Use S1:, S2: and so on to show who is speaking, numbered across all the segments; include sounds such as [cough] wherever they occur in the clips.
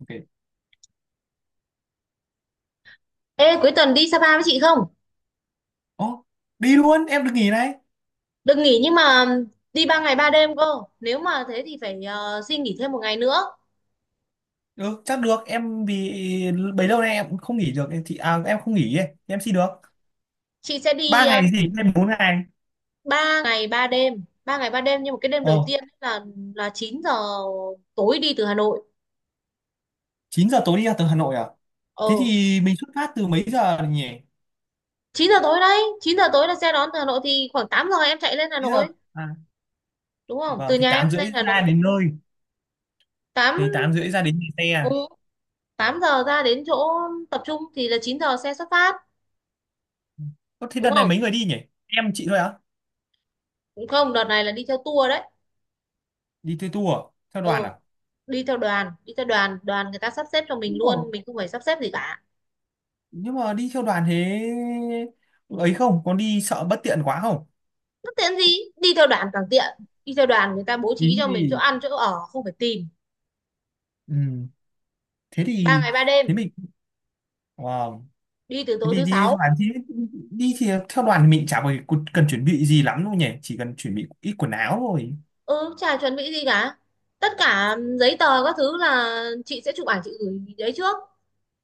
S1: OK.
S2: Ê, cuối tuần đi Sapa với chị không?
S1: Ồ, đi luôn em được nghỉ này.
S2: Đừng nghỉ nhưng mà đi 3 ngày 3 đêm cơ. Nếu mà thế thì phải xin nghỉ thêm một ngày nữa.
S1: Ừ, chắc được em vì bấy lâu nay em cũng không nghỉ được em thì em không nghỉ ấy. Em xin được
S2: Chị sẽ đi
S1: ba ngày thì nghỉ thêm bốn ngày.
S2: 3 ngày 3 đêm. Ba ngày 3 đêm nhưng mà cái đêm
S1: Ờ.
S2: đầu tiên ấy là 9 giờ tối đi từ Hà Nội.
S1: 9 giờ tối đi ra từ Hà Nội à? Thế
S2: Ồ,
S1: thì mình xuất phát từ mấy giờ nhỉ?
S2: 9 giờ tối đấy. Chín giờ tối là xe đón từ Hà Nội thì khoảng 8 giờ em chạy lên Hà
S1: 9 giờ.
S2: Nội.
S1: À,
S2: Đúng không? Từ
S1: vâng, thì
S2: nhà em
S1: 8 rưỡi
S2: lên Hà
S1: ra
S2: Nội.
S1: đến nơi,
S2: 8
S1: thì 8 rưỡi ra đến nhà xe
S2: ừ,
S1: à?
S2: 8 giờ ra đến chỗ tập trung thì là 9 giờ xe xuất phát.
S1: Ơ, thế
S2: Đúng
S1: đợt này
S2: không?
S1: mấy người đi nhỉ? Em chị thôi á?
S2: Cũng không, đợt này là đi theo tour đấy.
S1: Đi theo tour à? Theo đoàn
S2: Ừ.
S1: à?
S2: Đi theo đoàn, đoàn người ta sắp xếp cho mình
S1: Đúng rồi.
S2: luôn, mình không phải sắp xếp gì cả.
S1: Nhưng mà đi theo đoàn thế ấy không có đi sợ bất tiện quá không?
S2: Bất tiện gì, đi theo đoàn càng tiện. Đi theo đoàn người ta bố trí
S1: Ý
S2: cho
S1: thì,
S2: mình chỗ ăn chỗ ở, không phải tìm.
S1: ừ, thế
S2: Ba
S1: thì,
S2: ngày ba đêm,
S1: thế mình, wow,
S2: đi từ
S1: thế
S2: tối
S1: thì
S2: thứ
S1: đi theo
S2: sáu.
S1: đoàn thì mình chả phải cần chuẩn bị gì lắm đâu nhỉ, chỉ cần chuẩn bị ít quần áo thôi.
S2: Ừ, chả chuẩn bị gì cả, tất cả giấy tờ các thứ là chị sẽ chụp ảnh chị gửi đấy trước.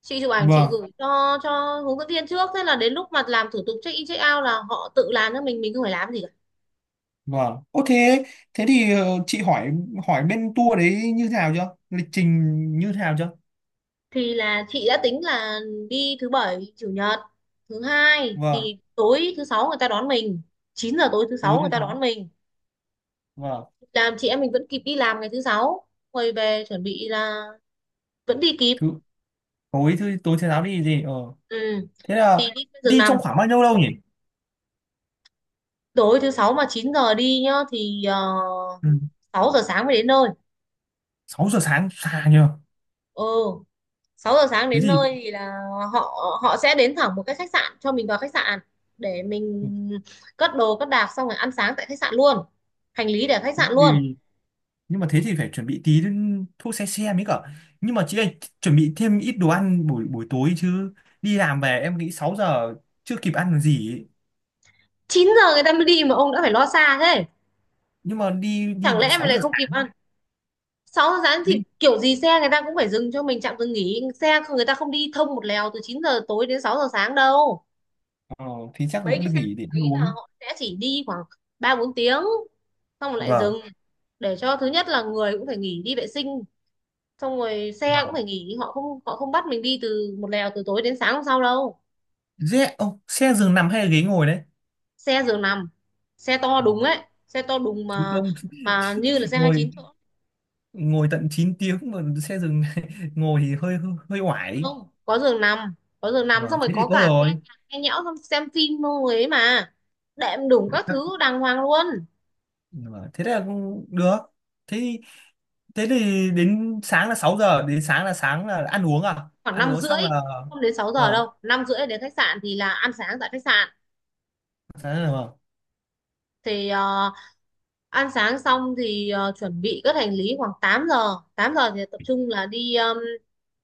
S2: Chị chụp ảnh chị
S1: Vâng.
S2: gửi cho hướng dẫn viên trước, thế là đến lúc mà làm thủ tục check in check out là họ tự làm cho mình không phải làm gì.
S1: Vâng, ô thế, thế thì chị hỏi hỏi bên tour đấy như thế nào chưa, lịch trình như thế nào chưa?
S2: Thì là chị đã tính là đi thứ bảy chủ nhật thứ hai,
S1: Vâng.
S2: thì tối thứ sáu người ta đón mình. Chín giờ tối thứ
S1: Tối
S2: sáu người
S1: thứ
S2: ta đón
S1: sáu.
S2: mình.
S1: Vâng.
S2: Làm chị em mình vẫn kịp đi làm ngày thứ sáu, quay về chuẩn bị là vẫn đi kịp.
S1: thứ tối thứ Tối thứ sáu đi gì, ờ.
S2: Ừ.
S1: Thế là
S2: Thì đi trên giường
S1: đi trong
S2: nằm.
S1: khoảng bao nhiêu lâu nhỉ?
S2: Tối thứ sáu mà 9 giờ đi nhá thì
S1: Ừ.
S2: 6 giờ sáng mới đến nơi.
S1: 6 giờ sáng xa nhờ.
S2: Ừ, 6 giờ sáng
S1: Thế
S2: đến
S1: thì,
S2: nơi thì là họ họ sẽ đến thẳng một cái khách sạn, cho mình vào khách sạn để mình cất đồ cất đạc, xong rồi ăn sáng tại khách sạn luôn. Hành lý để ở khách
S1: thế
S2: sạn luôn.
S1: thì, nhưng mà thế thì phải chuẩn bị tí thuốc xe, mới cả nhưng mà chị ơi chuẩn bị thêm ít đồ ăn buổi buổi tối chứ, đi làm về em nghĩ 6 giờ chưa kịp ăn được gì ấy.
S2: Chín giờ người ta mới đi mà ông đã phải lo xa thế.
S1: Nhưng mà đi đi
S2: Chẳng
S1: tận
S2: lẽ mà
S1: 6
S2: lại
S1: giờ
S2: không kịp
S1: sáng.
S2: ăn. Sáu giờ sáng thì
S1: Đi,
S2: kiểu gì xe người ta cũng phải dừng cho mình trạm dừng nghỉ, xe người ta không đi thông một lèo từ 9 giờ tối đến 6 giờ sáng đâu.
S1: ờ, thì chắc
S2: Mấy
S1: vẫn
S2: cái
S1: được
S2: xe
S1: nghỉ để ăn
S2: đấy là
S1: uống.
S2: họ sẽ chỉ đi khoảng 3 4 tiếng xong rồi lại
S1: Vâng.
S2: dừng. Để cho thứ nhất là người cũng phải nghỉ đi vệ sinh, xong rồi xe
S1: Vâng,
S2: cũng phải nghỉ, họ không bắt mình đi từ một lèo từ tối đến sáng hôm sau đâu.
S1: dễ ô, xe giường nằm hay là ghế ngồi đấy?
S2: Xe giường nằm. Xe to
S1: Ờ,
S2: đúng ấy. Xe to đúng
S1: chứ
S2: mà.
S1: không.
S2: Mà như là
S1: [laughs]
S2: xe hai mươi
S1: Ngồi,
S2: chín chỗ.
S1: ngồi tận 9 tiếng mà xe giường. [laughs] Ngồi thì hơi hơi, hơi oải.
S2: Không có giường nằm, có giường nằm xong
S1: Vâng,
S2: rồi
S1: thế thì
S2: có
S1: tốt
S2: cả nghe
S1: rồi.
S2: nhạc, nghe nhẽo xong xem phim luôn ấy mà. Đệm đủ
S1: Để
S2: các
S1: Chắc-
S2: thứ đàng hoàng luôn.
S1: vâng, thế là cũng được. Thế, thế thì đến sáng là 6 giờ đến sáng là ăn uống à?
S2: Khoảng
S1: Ăn
S2: năm
S1: uống
S2: rưỡi.
S1: xong là,
S2: Không đến 6 giờ
S1: vâng,
S2: đâu, năm rưỡi đến khách sạn thì là ăn sáng tại khách sạn.
S1: sáng là, vâng.
S2: Thì ăn sáng xong thì chuẩn bị cất hành lý khoảng 8 giờ. Tám giờ thì tập trung là đi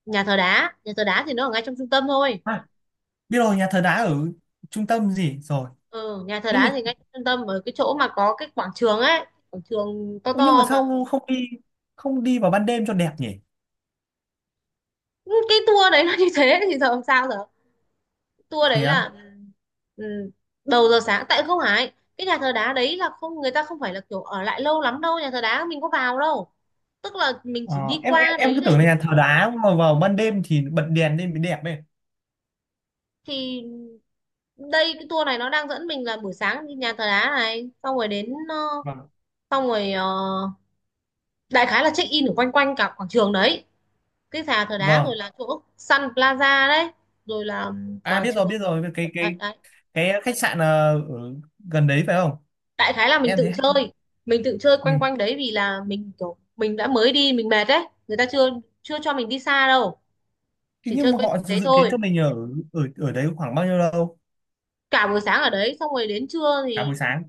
S2: nhà thờ đá. Nhà thờ đá thì nó ở ngay trong trung tâm thôi.
S1: À, biết rồi, nhà thờ đá ở trung tâm gì rồi.
S2: Ừ, nhà thờ
S1: Nhưng mà,
S2: đá thì ngay trong trung tâm, ở cái chỗ mà có cái quảng trường ấy, quảng trường to
S1: ô, nhưng mà
S2: to mà.
S1: sao không đi, không đi vào ban đêm cho đẹp nhỉ?
S2: Ừ, cái tour đấy nó [laughs] như thế thì giờ làm sao giờ. Tour
S1: Thế
S2: đấy
S1: á?
S2: là, ừ, đầu giờ sáng, tại không phải cái nhà thờ đá đấy là không, người ta không phải là kiểu ở lại lâu lắm đâu, nhà thờ đá mình có vào đâu. Tức là mình chỉ
S1: Ờ,
S2: đi qua
S1: em
S2: đấy
S1: cứ
S2: để
S1: tưởng là
S2: mình.
S1: nhà thờ đá mà vào ban đêm thì bật đèn lên mới đẹp ấy.
S2: Thì đây, cái tour này nó đang dẫn mình là buổi sáng đi nhà thờ đá này xong rồi đến
S1: Vâng.
S2: xong rồi đại khái là check in ở quanh quanh cả quảng trường đấy. Cái nhà thờ đá rồi
S1: Vâng,
S2: là chỗ Sun Plaza đấy. Rồi là
S1: à
S2: quảng
S1: biết
S2: trường
S1: rồi biết rồi, cái
S2: đấy, đấy.
S1: cái khách sạn ở gần đấy phải không?
S2: Đại khái là mình
S1: Em thấy
S2: tự
S1: hay.
S2: chơi. Mình tự chơi
S1: Ừ.
S2: quanh quanh đấy, vì là mình kiểu mình đã mới đi mình mệt đấy, người ta chưa chưa cho mình đi xa đâu,
S1: Thế
S2: chỉ
S1: nhưng
S2: chơi
S1: mà
S2: quanh
S1: họ
S2: quanh đấy
S1: dự kiến
S2: thôi.
S1: cho mình ở ở ở đấy khoảng bao nhiêu lâu?
S2: Cả buổi sáng ở đấy, xong rồi đến trưa
S1: Cả buổi
S2: thì
S1: sáng.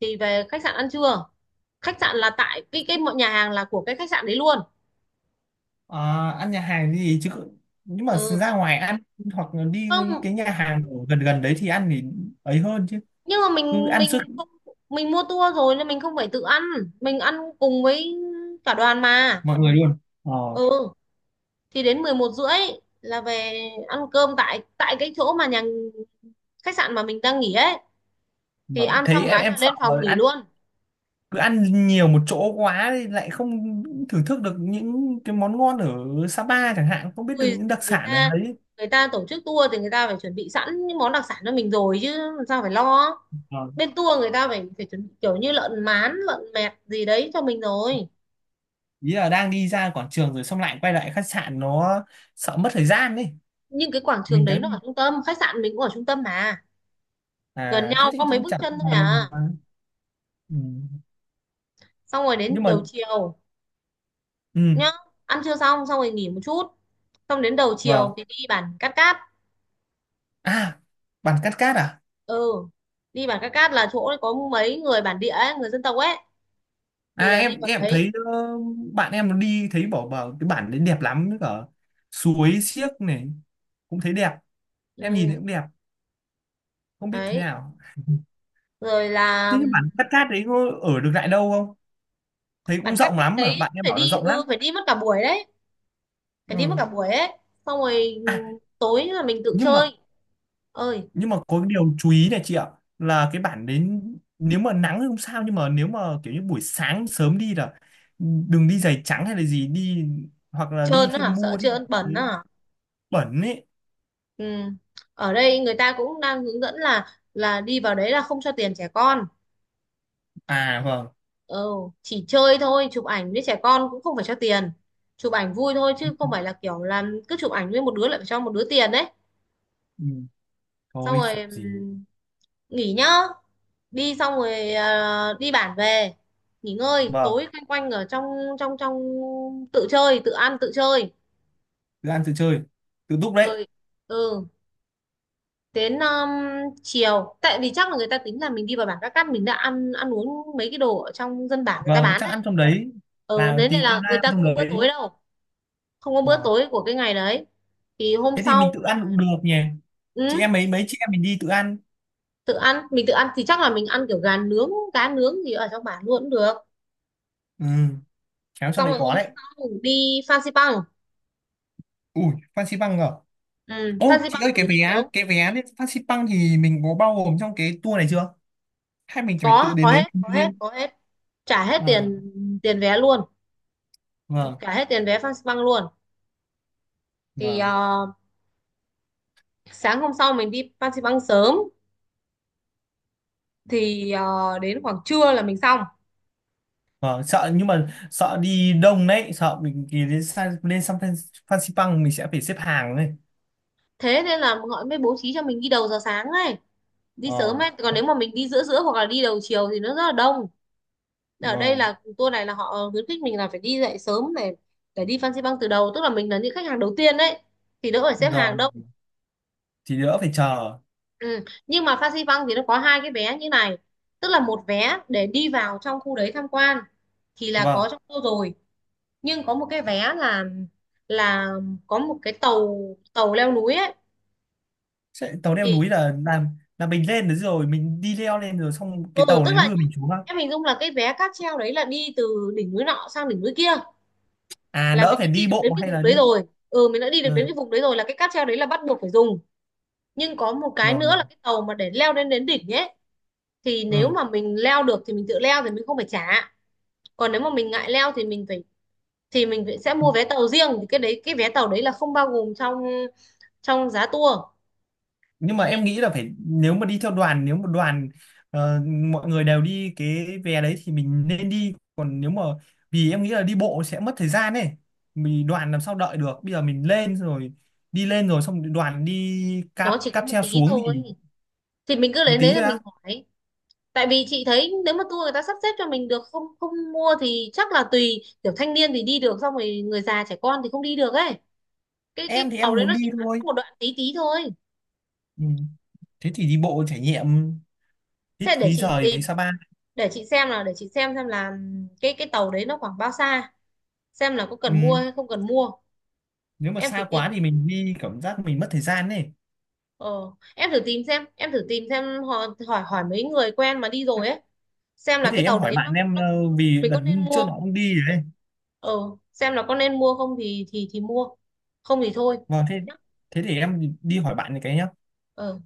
S2: thì về khách sạn ăn trưa. Khách sạn là tại cái mọi nhà hàng là của cái khách sạn đấy luôn.
S1: Ờ, ăn nhà hàng gì chứ, nhưng mà
S2: Ừ,
S1: ra ngoài ăn hoặc là đi
S2: không,
S1: cái nhà hàng ở gần gần đấy thì ăn thì ấy hơn chứ,
S2: nhưng mà
S1: cứ
S2: mình
S1: ăn suốt
S2: mình không, mình mua tour rồi nên mình không phải tự ăn. Mình ăn cùng với cả đoàn mà.
S1: mọi người luôn, ờ.
S2: Ừ, thì đến 11 rưỡi là về ăn cơm tại tại cái chỗ mà nhà khách sạn mà mình đang nghỉ ấy. Thì
S1: Mà
S2: ăn xong
S1: thấy
S2: cái
S1: em
S2: là
S1: sợ
S2: lên phòng
S1: là
S2: nghỉ
S1: ăn,
S2: luôn.
S1: cứ ăn nhiều một chỗ quá thì lại không thưởng thức được những cái món ngon ở Sapa chẳng hạn, không biết được
S2: Ui,
S1: những đặc
S2: người
S1: sản ở
S2: ta
S1: đấy.
S2: người ta tổ chức tour thì người ta phải chuẩn bị sẵn những món đặc sản cho mình rồi chứ làm sao phải lo.
S1: Ờ,
S2: Bên tour người ta phải phải chuẩn bị kiểu như lợn mán lợn mẹt gì đấy cho mình rồi.
S1: ý là đang đi ra quảng trường rồi xong lại quay lại khách sạn nó sợ mất thời gian đấy.
S2: Nhưng cái quảng trường
S1: Mình
S2: đấy
S1: đang
S2: nó
S1: đi,
S2: ở trung tâm, khách sạn mình cũng ở trung tâm mà. Gần
S1: à thế
S2: nhau
S1: thì
S2: có mấy bước
S1: chẳng
S2: chân thôi
S1: còn.
S2: à.
S1: Ừ.
S2: Xong rồi
S1: Nhưng
S2: đến
S1: mà,
S2: đầu chiều
S1: ừ,
S2: nhá. Ăn trưa xong xong rồi nghỉ một chút. Xong đến đầu chiều
S1: vâng.
S2: thì đi bản Cát Cát.
S1: À, bản cắt cát à?
S2: Ừ, đi bản Cát Cát là chỗ có mấy người bản địa ấy, người dân tộc ấy. Thì
S1: À,
S2: là đi vào đấy.
S1: thấy, bạn em nó đi thấy bảo bảo cái bản đấy đẹp lắm, với cả suối xiếc này cũng thấy đẹp. Em nhìn
S2: Ừ,
S1: thấy cũng đẹp, không biết thế
S2: đấy,
S1: nào.
S2: rồi là
S1: Thế nhưng bản cắt cát đấy có ở được lại đâu không? Thấy
S2: bản
S1: cũng
S2: Cát
S1: rộng
S2: Cát
S1: lắm, mà
S2: đấy
S1: bạn em
S2: phải
S1: bảo là
S2: đi,
S1: rộng
S2: ừ,
S1: lắm.
S2: phải đi mất cả buổi đấy. Phải đi mất
S1: Ừ.
S2: cả buổi ấy. Xong rồi
S1: À,
S2: tối là mình tự
S1: nhưng mà,
S2: chơi. Ơi.
S1: nhưng mà có cái điều chú ý này chị ạ, là cái bản đến nếu mà nắng thì không sao, nhưng mà nếu mà kiểu như buổi sáng sớm đi là đừng đi giày trắng hay là gì, đi hoặc là đi
S2: Trơn á hả?
S1: thêm,
S2: Sợ
S1: mua thêm,
S2: trơn bẩn á hả?
S1: bẩn ấy.
S2: Ừ. Ở đây người ta cũng đang hướng dẫn là đi vào đấy là không cho tiền trẻ con.
S1: À vâng.
S2: Ừ, chỉ chơi thôi, chụp ảnh với trẻ con cũng không phải cho tiền. Chụp ảnh vui thôi chứ không phải là kiểu là cứ chụp ảnh với một đứa lại phải cho một đứa tiền đấy.
S1: Ừ.
S2: Xong
S1: Thôi
S2: rồi
S1: chụp gì.
S2: nghỉ nhá. Đi xong rồi đi bản về nghỉ ngơi,
S1: Vâng.
S2: tối quanh quanh ở trong, trong tự chơi tự ăn tự chơi.
S1: Tự ăn tự chơi, tự đúc đấy.
S2: Rồi, ừ, đến chiều tại vì chắc là người ta tính là mình đi vào bản Các Cát mình đã ăn ăn uống mấy cái đồ ở trong dân bản người ta
S1: Vâng,
S2: bán
S1: chắc
S2: đấy.
S1: ăn trong đấy,
S2: Ừ,
S1: là
S2: thế nên
S1: tí cơm
S2: là người
S1: lam
S2: ta không
S1: trong
S2: có bữa
S1: đấy.
S2: tối đâu. Không có bữa
S1: Ờ.
S2: tối của cái ngày đấy. Thì hôm
S1: Thế thì mình
S2: sau
S1: tự ăn
S2: là,
S1: cũng được nhỉ, chị
S2: ừ,
S1: em, mấy mấy chị em mình đi tự ăn.
S2: tự ăn, mình tự ăn thì chắc là mình ăn kiểu gà nướng cá nướng gì ở trong bản luôn cũng được.
S1: Ừ, khéo trong
S2: Xong
S1: đấy
S2: rồi hôm
S1: có đấy.
S2: sau đi Fansipan Bang.
S1: Ui, Phan Xi Păng à?
S2: Ừ,
S1: Ô
S2: Fansipan
S1: chị
S2: Bang
S1: ơi,
S2: thì phải đi sớm.
S1: cái vé lên Phan Xi Păng thì mình có bao gồm trong cái tour này chưa, hay mình phải tự
S2: có
S1: đến
S2: có
S1: đấy
S2: hết,
S1: mình
S2: có hết,
S1: riêng?
S2: có hết. Trả hết
S1: À
S2: tiền, tiền vé luôn.
S1: vâng.
S2: Trả hết tiền vé Fansipan Bang luôn. Thì
S1: Vâng.
S2: sáng hôm sau mình đi Fansipan Bang sớm. Thì đến khoảng trưa là mình xong.
S1: Ờ, sợ nhưng mà sợ đi đông đấy, sợ mình thì đến lên sang Phan Xipang mình sẽ phải xếp hàng đấy.
S2: Thế nên là họ mới bố trí cho mình đi đầu giờ sáng ấy. Đi sớm
S1: Ờ.
S2: ấy, còn nếu mà mình đi giữa giữa hoặc là đi đầu chiều thì nó rất là đông. Ở đây
S1: Vâng.
S2: là tour này là họ khuyến khích mình là phải đi dậy sớm này. Phải đi Phan Xi Păng từ đầu, tức là mình là những khách hàng đầu tiên đấy. Thì đỡ phải xếp hàng
S1: Rồi,
S2: đâu.
S1: thì đỡ phải chờ.
S2: Ừ. Nhưng mà Phan Xi Păng thì nó có hai cái vé như này. Tức là một vé để đi vào trong khu đấy tham quan, thì là có
S1: Vâng.
S2: trong tour rồi. Nhưng có một cái vé là là có một cái tàu tàu leo núi ấy.
S1: Sẽ, tàu leo
S2: Thì
S1: núi là làm, là mình lên đấy rồi mình đi leo lên rồi xong
S2: ừ,
S1: cái tàu
S2: tức
S1: này
S2: là nhá,
S1: đưa mình xuống á?
S2: em hình dung là cái vé cáp treo đấy là đi từ đỉnh núi nọ sang đỉnh núi kia.
S1: À,
S2: Là
S1: đỡ
S2: mình
S1: phải
S2: đã đi
S1: đi
S2: được đến
S1: bộ
S2: cái
S1: hay
S2: vùng
S1: là
S2: đấy
S1: đi.
S2: rồi. Ừ, mình đã đi được
S1: Ừ.
S2: đến cái vùng đấy rồi, là cái cáp treo đấy là bắt buộc phải dùng. Nhưng có một cái
S1: Rồi,
S2: nữa
S1: rồi.
S2: là cái tàu mà để leo lên đến đỉnh ấy. Thì nếu
S1: Ừ.
S2: mà mình leo được thì mình tự leo, thì mình không phải trả. Còn nếu mà mình ngại leo sẽ mua vé tàu riêng, thì cái đấy cái vé tàu đấy là không bao gồm trong trong giá tour.
S1: Nhưng mà em
S2: Vì
S1: nghĩ là phải, nếu mà đi theo đoàn, nếu mà đoàn ờ, mọi người đều đi cái vé đấy thì mình nên đi, còn nếu mà, vì em nghĩ là đi bộ sẽ mất thời gian ấy, mình đoàn làm sao đợi được, bây giờ mình lên rồi đi lên rồi xong đoàn đi cáp
S2: nó chỉ có
S1: cáp
S2: một
S1: treo
S2: tí
S1: xuống
S2: thôi.
S1: thì
S2: Thì mình cứ
S1: một
S2: lấy đấy
S1: tí
S2: là
S1: thôi
S2: mình
S1: á.
S2: hỏi. Tại vì chị thấy nếu mà tour người ta sắp xếp cho mình được không không mua thì chắc là tùy, kiểu thanh niên thì đi được, xong rồi người già trẻ con thì không đi được ấy. cái
S1: Em
S2: cái
S1: thì
S2: tàu
S1: em
S2: đấy
S1: muốn
S2: nó
S1: đi
S2: chỉ ngắn
S1: thôi.
S2: một đoạn tí tí thôi.
S1: Ừ, thế thì đi bộ trải nghiệm, hít
S2: Thế để
S1: khí
S2: chị tìm,
S1: trời Sapa.
S2: để chị xem là cái tàu đấy nó khoảng bao xa. Xem là có
S1: Ừ.
S2: cần mua hay không cần mua.
S1: Nếu mà
S2: Em thử
S1: xa
S2: tìm,
S1: quá thì mình đi cảm giác mình mất thời gian ấy.
S2: ờ, em thử tìm xem họ hỏi hỏi mấy người quen mà đi rồi ấy. Xem là
S1: Thế
S2: cái
S1: thì em
S2: tàu
S1: hỏi
S2: đấy nó,
S1: bạn em,
S2: nó
S1: vì
S2: Mình
S1: đợt
S2: có nên mua
S1: trước nó
S2: không.
S1: cũng đi đấy.
S2: Ờ, xem là có nên mua không thì mua, không thì thôi
S1: Vâng, thế,
S2: nhá.
S1: thế thì em đi hỏi bạn này cái nhá.
S2: Ờ.